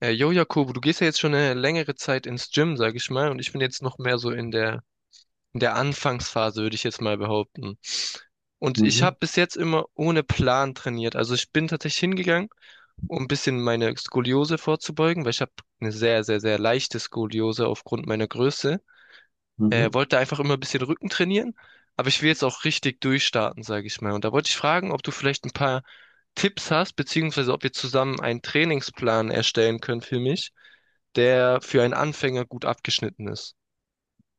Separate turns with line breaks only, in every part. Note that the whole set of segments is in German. Jo, Jakobo, du gehst ja jetzt schon eine längere Zeit ins Gym, sag ich mal, und ich bin jetzt noch mehr so in der Anfangsphase, würde ich jetzt mal behaupten. Und ich
Mhm,
habe bis jetzt immer ohne Plan trainiert. Also ich bin tatsächlich hingegangen, um ein bisschen meine Skoliose vorzubeugen, weil ich habe eine sehr, sehr, sehr leichte Skoliose aufgrund meiner Größe.
mhm.
Wollte einfach immer ein bisschen Rücken trainieren, aber ich will jetzt auch richtig durchstarten, sage ich mal. Und da wollte ich fragen, ob du vielleicht ein paar Tipps hast, beziehungsweise ob wir zusammen einen Trainingsplan erstellen können für mich, der für einen Anfänger gut abgeschnitten ist.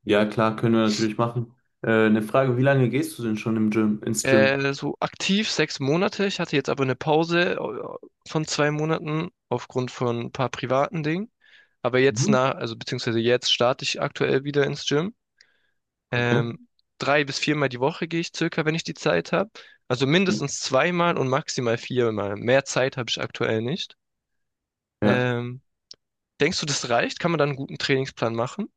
Ja, klar, können wir natürlich machen. Eine Frage, wie lange gehst du denn schon ins Gym?
So aktiv 6 Monate. Ich hatte jetzt aber eine Pause von 2 Monaten aufgrund von ein paar privaten Dingen. Aber jetzt
Mhm.
also beziehungsweise jetzt starte ich aktuell wieder ins Gym.
Okay.
Ähm, Drei bis viermal die Woche gehe ich circa, wenn ich die Zeit habe. Also mindestens zweimal und maximal viermal. Mehr Zeit habe ich aktuell nicht.
Ja.
Ähm, Denkst du, das reicht? Kann man dann einen guten Trainingsplan machen?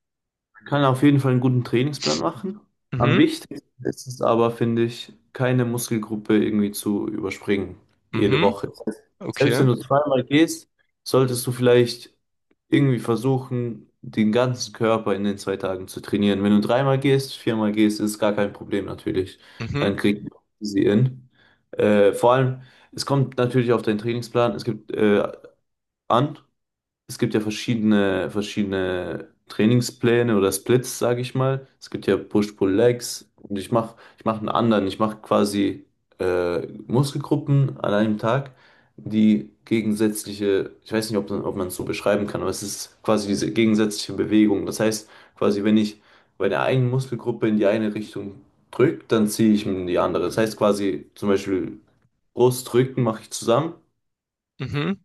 Man kann auf jeden Fall einen guten Trainingsplan machen. Am
Mhm,
wichtigsten ist es aber, finde ich, keine Muskelgruppe irgendwie zu überspringen. Jede
mhm,
Woche. Selbst wenn
okay.
du zweimal gehst, solltest du vielleicht irgendwie versuchen, den ganzen Körper in den 2 Tagen zu trainieren. Wenn du dreimal gehst, viermal gehst, ist gar kein Problem natürlich.
Mhm,
Dann kriegst du sie in. Vor allem, es kommt natürlich auf deinen Trainingsplan, es gibt an. Es gibt ja verschiedene Trainingspläne oder Splits, sage ich mal. Es gibt ja Push-Pull-Legs und ich mach einen anderen. Ich mache quasi Muskelgruppen an einem Tag, die gegensätzliche, ich weiß nicht, ob man es so beschreiben kann, aber es ist quasi diese gegensätzliche Bewegung. Das heißt, quasi, wenn ich bei der einen Muskelgruppe in die eine Richtung drücke, dann ziehe ich in die andere. Das heißt quasi zum Beispiel Brust, Rücken mache ich zusammen.
mhm,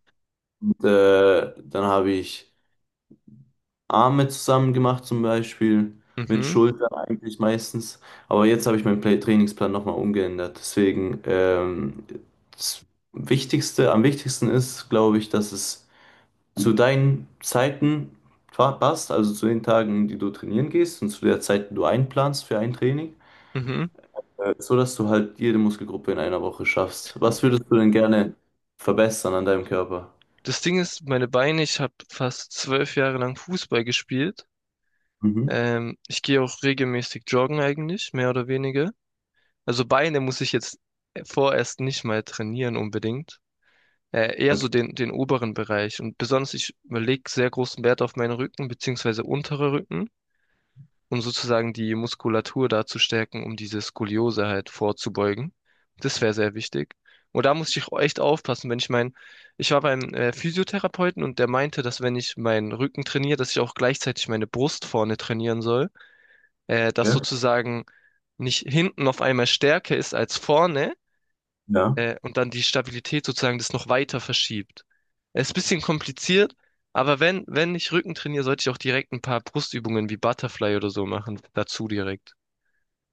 Und dann habe ich Arme zusammen gemacht, zum Beispiel, mit
mhm,
Schultern eigentlich meistens. Aber jetzt habe ich meinen Play Trainingsplan nochmal umgeändert. Deswegen, das am wichtigsten ist, glaube ich, dass es zu deinen Zeiten passt, also zu den Tagen, die du trainieren gehst und zu der Zeit, die du einplanst für ein Training,
mhm.
so dass du halt jede Muskelgruppe in einer Woche schaffst. Was würdest du denn gerne verbessern an deinem Körper?
Das Ding ist, meine Beine, ich habe fast 12 Jahre lang Fußball gespielt.
Mhm.
Ich gehe auch regelmäßig joggen eigentlich, mehr oder weniger. Also Beine muss ich jetzt vorerst nicht mal trainieren unbedingt. Eher
Okay.
so den oberen Bereich. Und besonders, ich lege sehr großen Wert auf meinen Rücken, beziehungsweise unterer Rücken, um sozusagen die Muskulatur da zu stärken, um diese Skoliose halt vorzubeugen. Das wäre sehr wichtig. Und da muss ich auch echt aufpassen, wenn ich ich war beim Physiotherapeuten und der meinte, dass wenn ich meinen Rücken trainiere, dass ich auch gleichzeitig meine Brust vorne trainieren soll, dass
Ja.
sozusagen nicht hinten auf einmal stärker ist als vorne,
Ja.
und dann die Stabilität sozusagen das noch weiter verschiebt. Es ist ein bisschen kompliziert, aber wenn ich Rücken trainiere, sollte ich auch direkt ein paar Brustübungen wie Butterfly oder so machen, dazu direkt.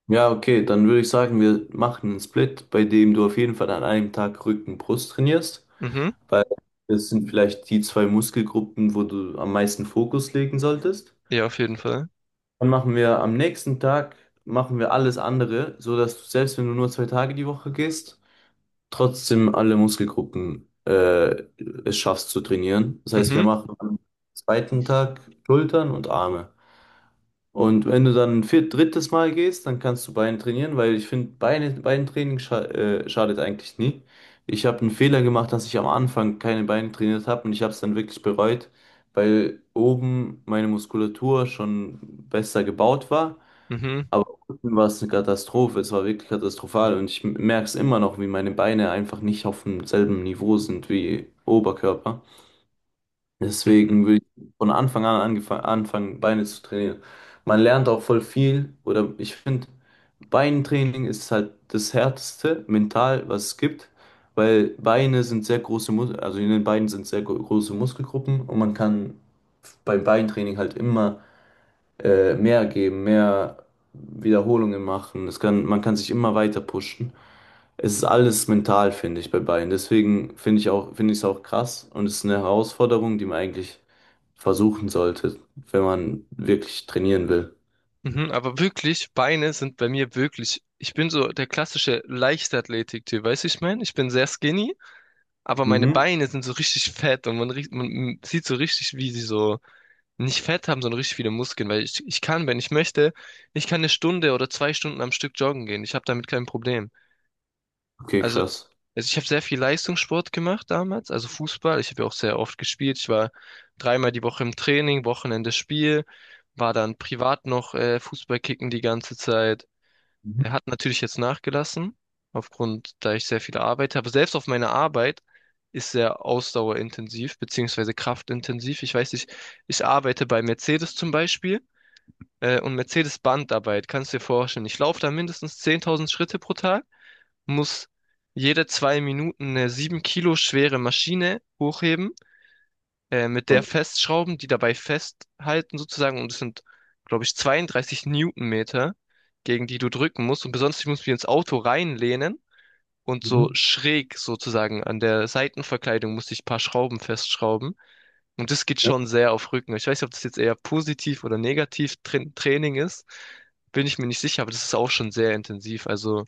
Ja, okay, dann würde ich sagen, wir machen einen Split, bei dem du auf jeden Fall an einem Tag Rücken, Brust trainierst,
Mhm.
weil das sind vielleicht die zwei Muskelgruppen, wo du am meisten Fokus legen solltest.
Ja, auf jeden Fall.
Dann machen wir am nächsten Tag, machen wir alles andere, so dass du selbst wenn du nur 2 Tage die Woche gehst, trotzdem alle Muskelgruppen es schaffst zu trainieren. Das heißt, wir
Mhm.
machen am zweiten Tag Schultern und Arme. Und wenn du dann ein drittes Mal gehst, dann kannst du Beine trainieren, weil ich finde, Beintraining schadet eigentlich nie. Ich habe einen Fehler gemacht, dass ich am Anfang keine Beine trainiert habe und ich habe es dann wirklich bereut, weil oben meine Muskulatur schon besser gebaut war,
Mhm.
aber unten war es eine Katastrophe, es war wirklich katastrophal und ich merke es immer noch, wie meine Beine einfach nicht auf demselben Niveau sind wie Oberkörper.
Mhm.
Deswegen will ich von Anfang an anfangen, Beine zu trainieren. Man lernt auch voll viel oder ich finde, Beintraining ist halt das Härteste mental, was es gibt, weil Beine sind sehr große Mus also in den Beinen sind sehr große Muskelgruppen und man kann beim Beintraining halt immer mehr geben, mehr Wiederholungen machen. Man kann sich immer weiter pushen. Es ist alles mental, finde ich, bei beiden. Deswegen finde ich es auch krass und es ist eine Herausforderung, die man eigentlich versuchen sollte, wenn man wirklich trainieren will.
Mhm. Aber wirklich, Beine sind bei mir wirklich, ich bin so der klassische Leichtathletik-Typ, weißt du, ich meine? Ich bin sehr skinny, aber meine
Mhm.
Beine sind so richtig fett und man, riecht- man sieht so richtig, wie sie so nicht Fett haben, sondern richtig viele Muskeln, weil ich kann, wenn ich möchte, ich kann eine Stunde oder 2 Stunden am Stück joggen gehen. Ich habe damit kein Problem.
Okay,
Also,
krass.
also ich habe sehr viel Leistungssport gemacht damals, also Fußball. Ich habe ja auch sehr oft gespielt. Ich war dreimal die Woche im Training, Wochenende Spiel, war dann privat noch Fußball kicken die ganze Zeit.
Mhm.
Er hat natürlich jetzt nachgelassen, aufgrund, da ich sehr viel arbeite, aber selbst auf meiner Arbeit ist sehr ausdauerintensiv, beziehungsweise kraftintensiv. Ich weiß nicht, ich arbeite bei Mercedes zum Beispiel, und Mercedes Bandarbeit, kannst du dir vorstellen. Ich laufe da mindestens 10.000 Schritte pro Tag, muss jede 2 Minuten eine 7 Kilo schwere Maschine hochheben, mit der
Okay.
festschrauben, die dabei festhalten sozusagen. Und es sind, glaube ich, 32 Newtonmeter, gegen die du drücken musst. Und besonders, ich muss mich ins Auto reinlehnen und so
Mhm.
schräg sozusagen an der Seitenverkleidung musste ich ein paar Schrauben festschrauben. Und das geht
Ja,
schon sehr auf Rücken. Ich weiß nicht, ob das jetzt eher positiv oder negativ Tra Training ist. Bin ich mir nicht sicher, aber das ist auch schon sehr intensiv. Also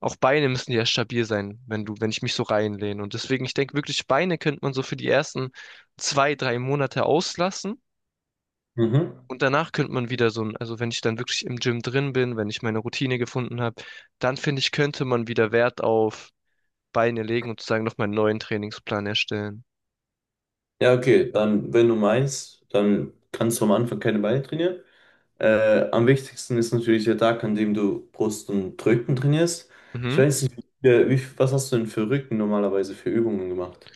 auch Beine müssen ja stabil sein, wenn ich mich so reinlehne. Und deswegen, ich denke wirklich, Beine könnte man so für die ersten 2, 3 Monate auslassen.
mhm.
Und danach könnte man wieder so ein, also wenn ich dann wirklich im Gym drin bin, wenn ich meine Routine gefunden habe, dann finde ich, könnte man wieder Wert auf Beine legen und sozusagen nochmal einen neuen Trainingsplan erstellen.
Ja, okay, dann, wenn du meinst, dann kannst du am Anfang keine Beine trainieren. Am wichtigsten ist natürlich der Tag, an dem du Brust und Rücken trainierst. Ich
Mhm.
weiß nicht, was hast du denn für Rücken normalerweise für Übungen gemacht?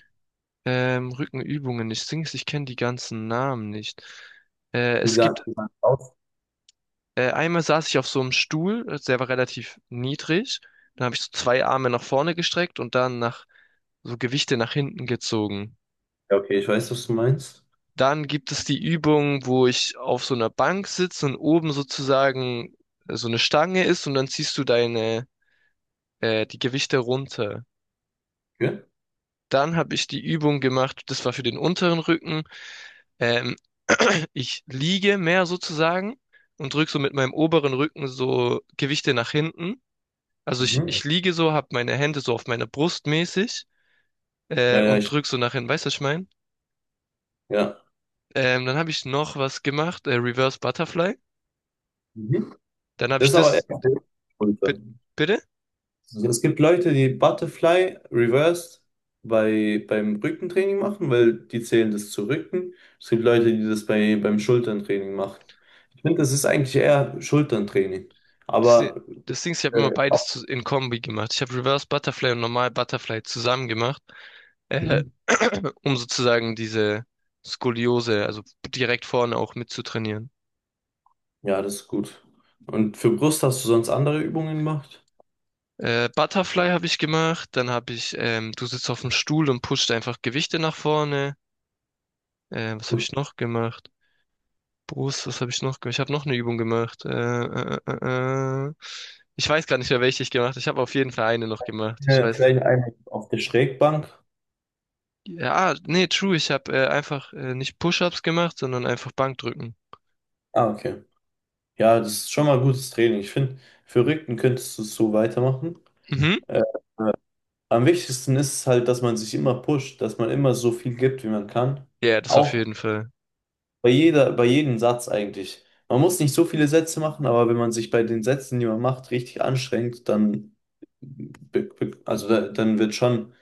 Rückenübungen, ich sing's, ich kenne die ganzen Namen nicht.
Wie
Es
sah
gibt
wie sah aus?
Einmal saß ich auf so einem Stuhl, der war relativ niedrig. Dann habe ich so zwei Arme nach vorne gestreckt und dann nach so Gewichte nach hinten gezogen.
Ja, okay, ich weiß, was du meinst.
Dann gibt es die Übung, wo ich auf so einer Bank sitze und oben sozusagen so eine Stange ist und dann ziehst du deine die Gewichte runter.
Okay.
Dann habe ich die Übung gemacht, das war für den unteren Rücken. Ähm, ich liege mehr sozusagen und drücke so mit meinem oberen Rücken so Gewichte nach hinten. Also ich,
Mhm.
ich liege so, habe meine Hände so auf meiner Brust mäßig,
Ja. Ja, ja,
und
ich,
drück so nach hinten, weißt du, was ich mein?
ja.
Dann habe ich noch was gemacht, Reverse Butterfly.
Mhm.
Dann habe ich
Das ist aber eher
das, bi-
Schulter.
bitte?
Also es gibt Leute, die Butterfly Reversed beim Rückentraining machen, weil die zählen das zu Rücken. Es gibt Leute, die das beim Schulterntraining machen. Ich finde, das ist eigentlich eher Schulterntraining.
Das, Di-
Aber
das Ding ist, ich habe immer
Äh,
beides zu, in Kombi gemacht. Ich habe Reverse Butterfly und normal Butterfly zusammen gemacht, äh,
mhm.
um sozusagen diese Skoliose, also direkt vorne auch mitzutrainieren.
Ja, das ist gut. Und für Brust hast du sonst andere Übungen gemacht?
Butterfly habe ich gemacht, dann habe ich, du sitzt auf dem Stuhl und pusht einfach Gewichte nach vorne. Was habe ich noch gemacht? Brust, was habe ich noch gemacht? Ich habe noch eine Übung gemacht. Ich weiß gar nicht mehr, welche ich gemacht habe. Ich habe auf jeden Fall eine noch gemacht. Ich
Okay,
weiß.
vielleicht eine auf der Schrägbank.
Ja, nee, true. Ich habe einfach nicht Push-ups gemacht, sondern einfach Bankdrücken.
Ah, okay. Ja, das ist schon mal gutes Training. Ich finde, für Rücken könntest du es so weitermachen.
Mhm.
Äh, äh, am wichtigsten ist es halt, dass man sich immer pusht, dass man immer so viel gibt, wie man kann.
Ja, das auf
Auch
jeden Fall.
bei jedem Satz eigentlich. Man muss nicht so viele Sätze machen, aber wenn man sich bei den Sätzen, die man macht, richtig anstrengt, dann, be- be- also da- dann wird schon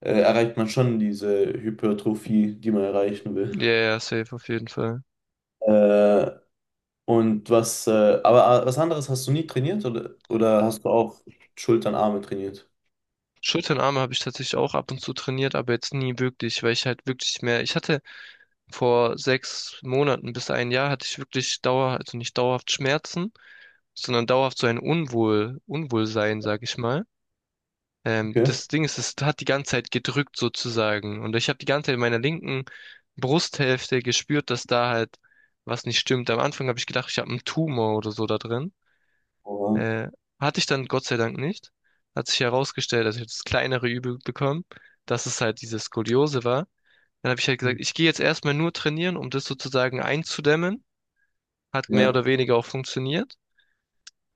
erreicht man schon diese Hypertrophie, die man erreichen will.
Ja, ja, safe auf jeden Fall.
Äh, und was, äh, was anderes hast du nie trainiert oder hast du auch Schultern, Arme trainiert?
Schultern, Arme habe ich tatsächlich auch ab und zu trainiert, aber jetzt nie wirklich, weil ich halt wirklich mehr. Ich hatte vor 6 Monaten bis ein Jahr hatte ich wirklich dauer, also nicht dauerhaft Schmerzen, sondern dauerhaft so ein Unwohlsein, sag ich mal.
Okay.
Das Ding ist, es hat die ganze Zeit gedrückt sozusagen. Und ich habe die ganze Zeit in meiner linken Brusthälfte gespürt, dass da halt was nicht stimmt. Am Anfang habe ich gedacht, ich habe einen Tumor oder so da drin.
Aber,
Äh, Hatte ich dann Gott sei Dank nicht. Hat sich herausgestellt, dass ich habe das kleinere Übel bekommen, dass es halt diese Skoliose war. Dann habe ich halt gesagt, ich gehe jetzt erstmal nur trainieren, um das sozusagen einzudämmen. Hat mehr
ja.
oder weniger auch funktioniert.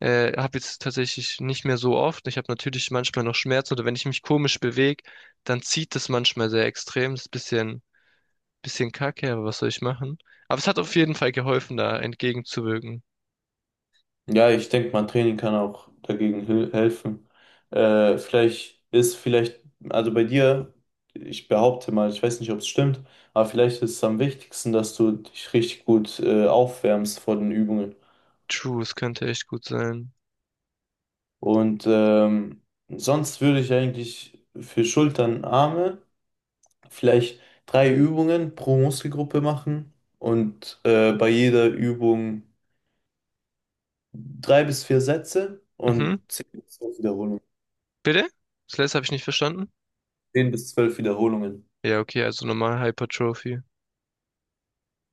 Habe jetzt tatsächlich nicht mehr so oft. Ich habe natürlich manchmal noch Schmerzen oder wenn ich mich komisch bewege, dann zieht es manchmal sehr extrem. Das ist ein bisschen, kacke, aber was soll ich machen? Aber es hat auf jeden Fall geholfen, da entgegenzuwirken.
Ja, ich denke, mein Training kann auch dagegen helfen. Äh, vielleicht ist vielleicht, also bei dir, ich behaupte mal, ich weiß nicht, ob es stimmt, aber vielleicht ist es am wichtigsten, dass du dich richtig gut aufwärmst vor den Übungen.
True, es könnte echt gut sein.
Und sonst würde ich eigentlich für Schultern, Arme vielleicht drei Übungen pro Muskelgruppe machen und bei jeder Übung drei bis vier Sätze und
Mhm.
10 bis 12 Wiederholungen.
Bitte? Das letzte habe ich nicht verstanden.
10 bis 12 Wiederholungen.
Ja, okay, also normal Hypertrophie.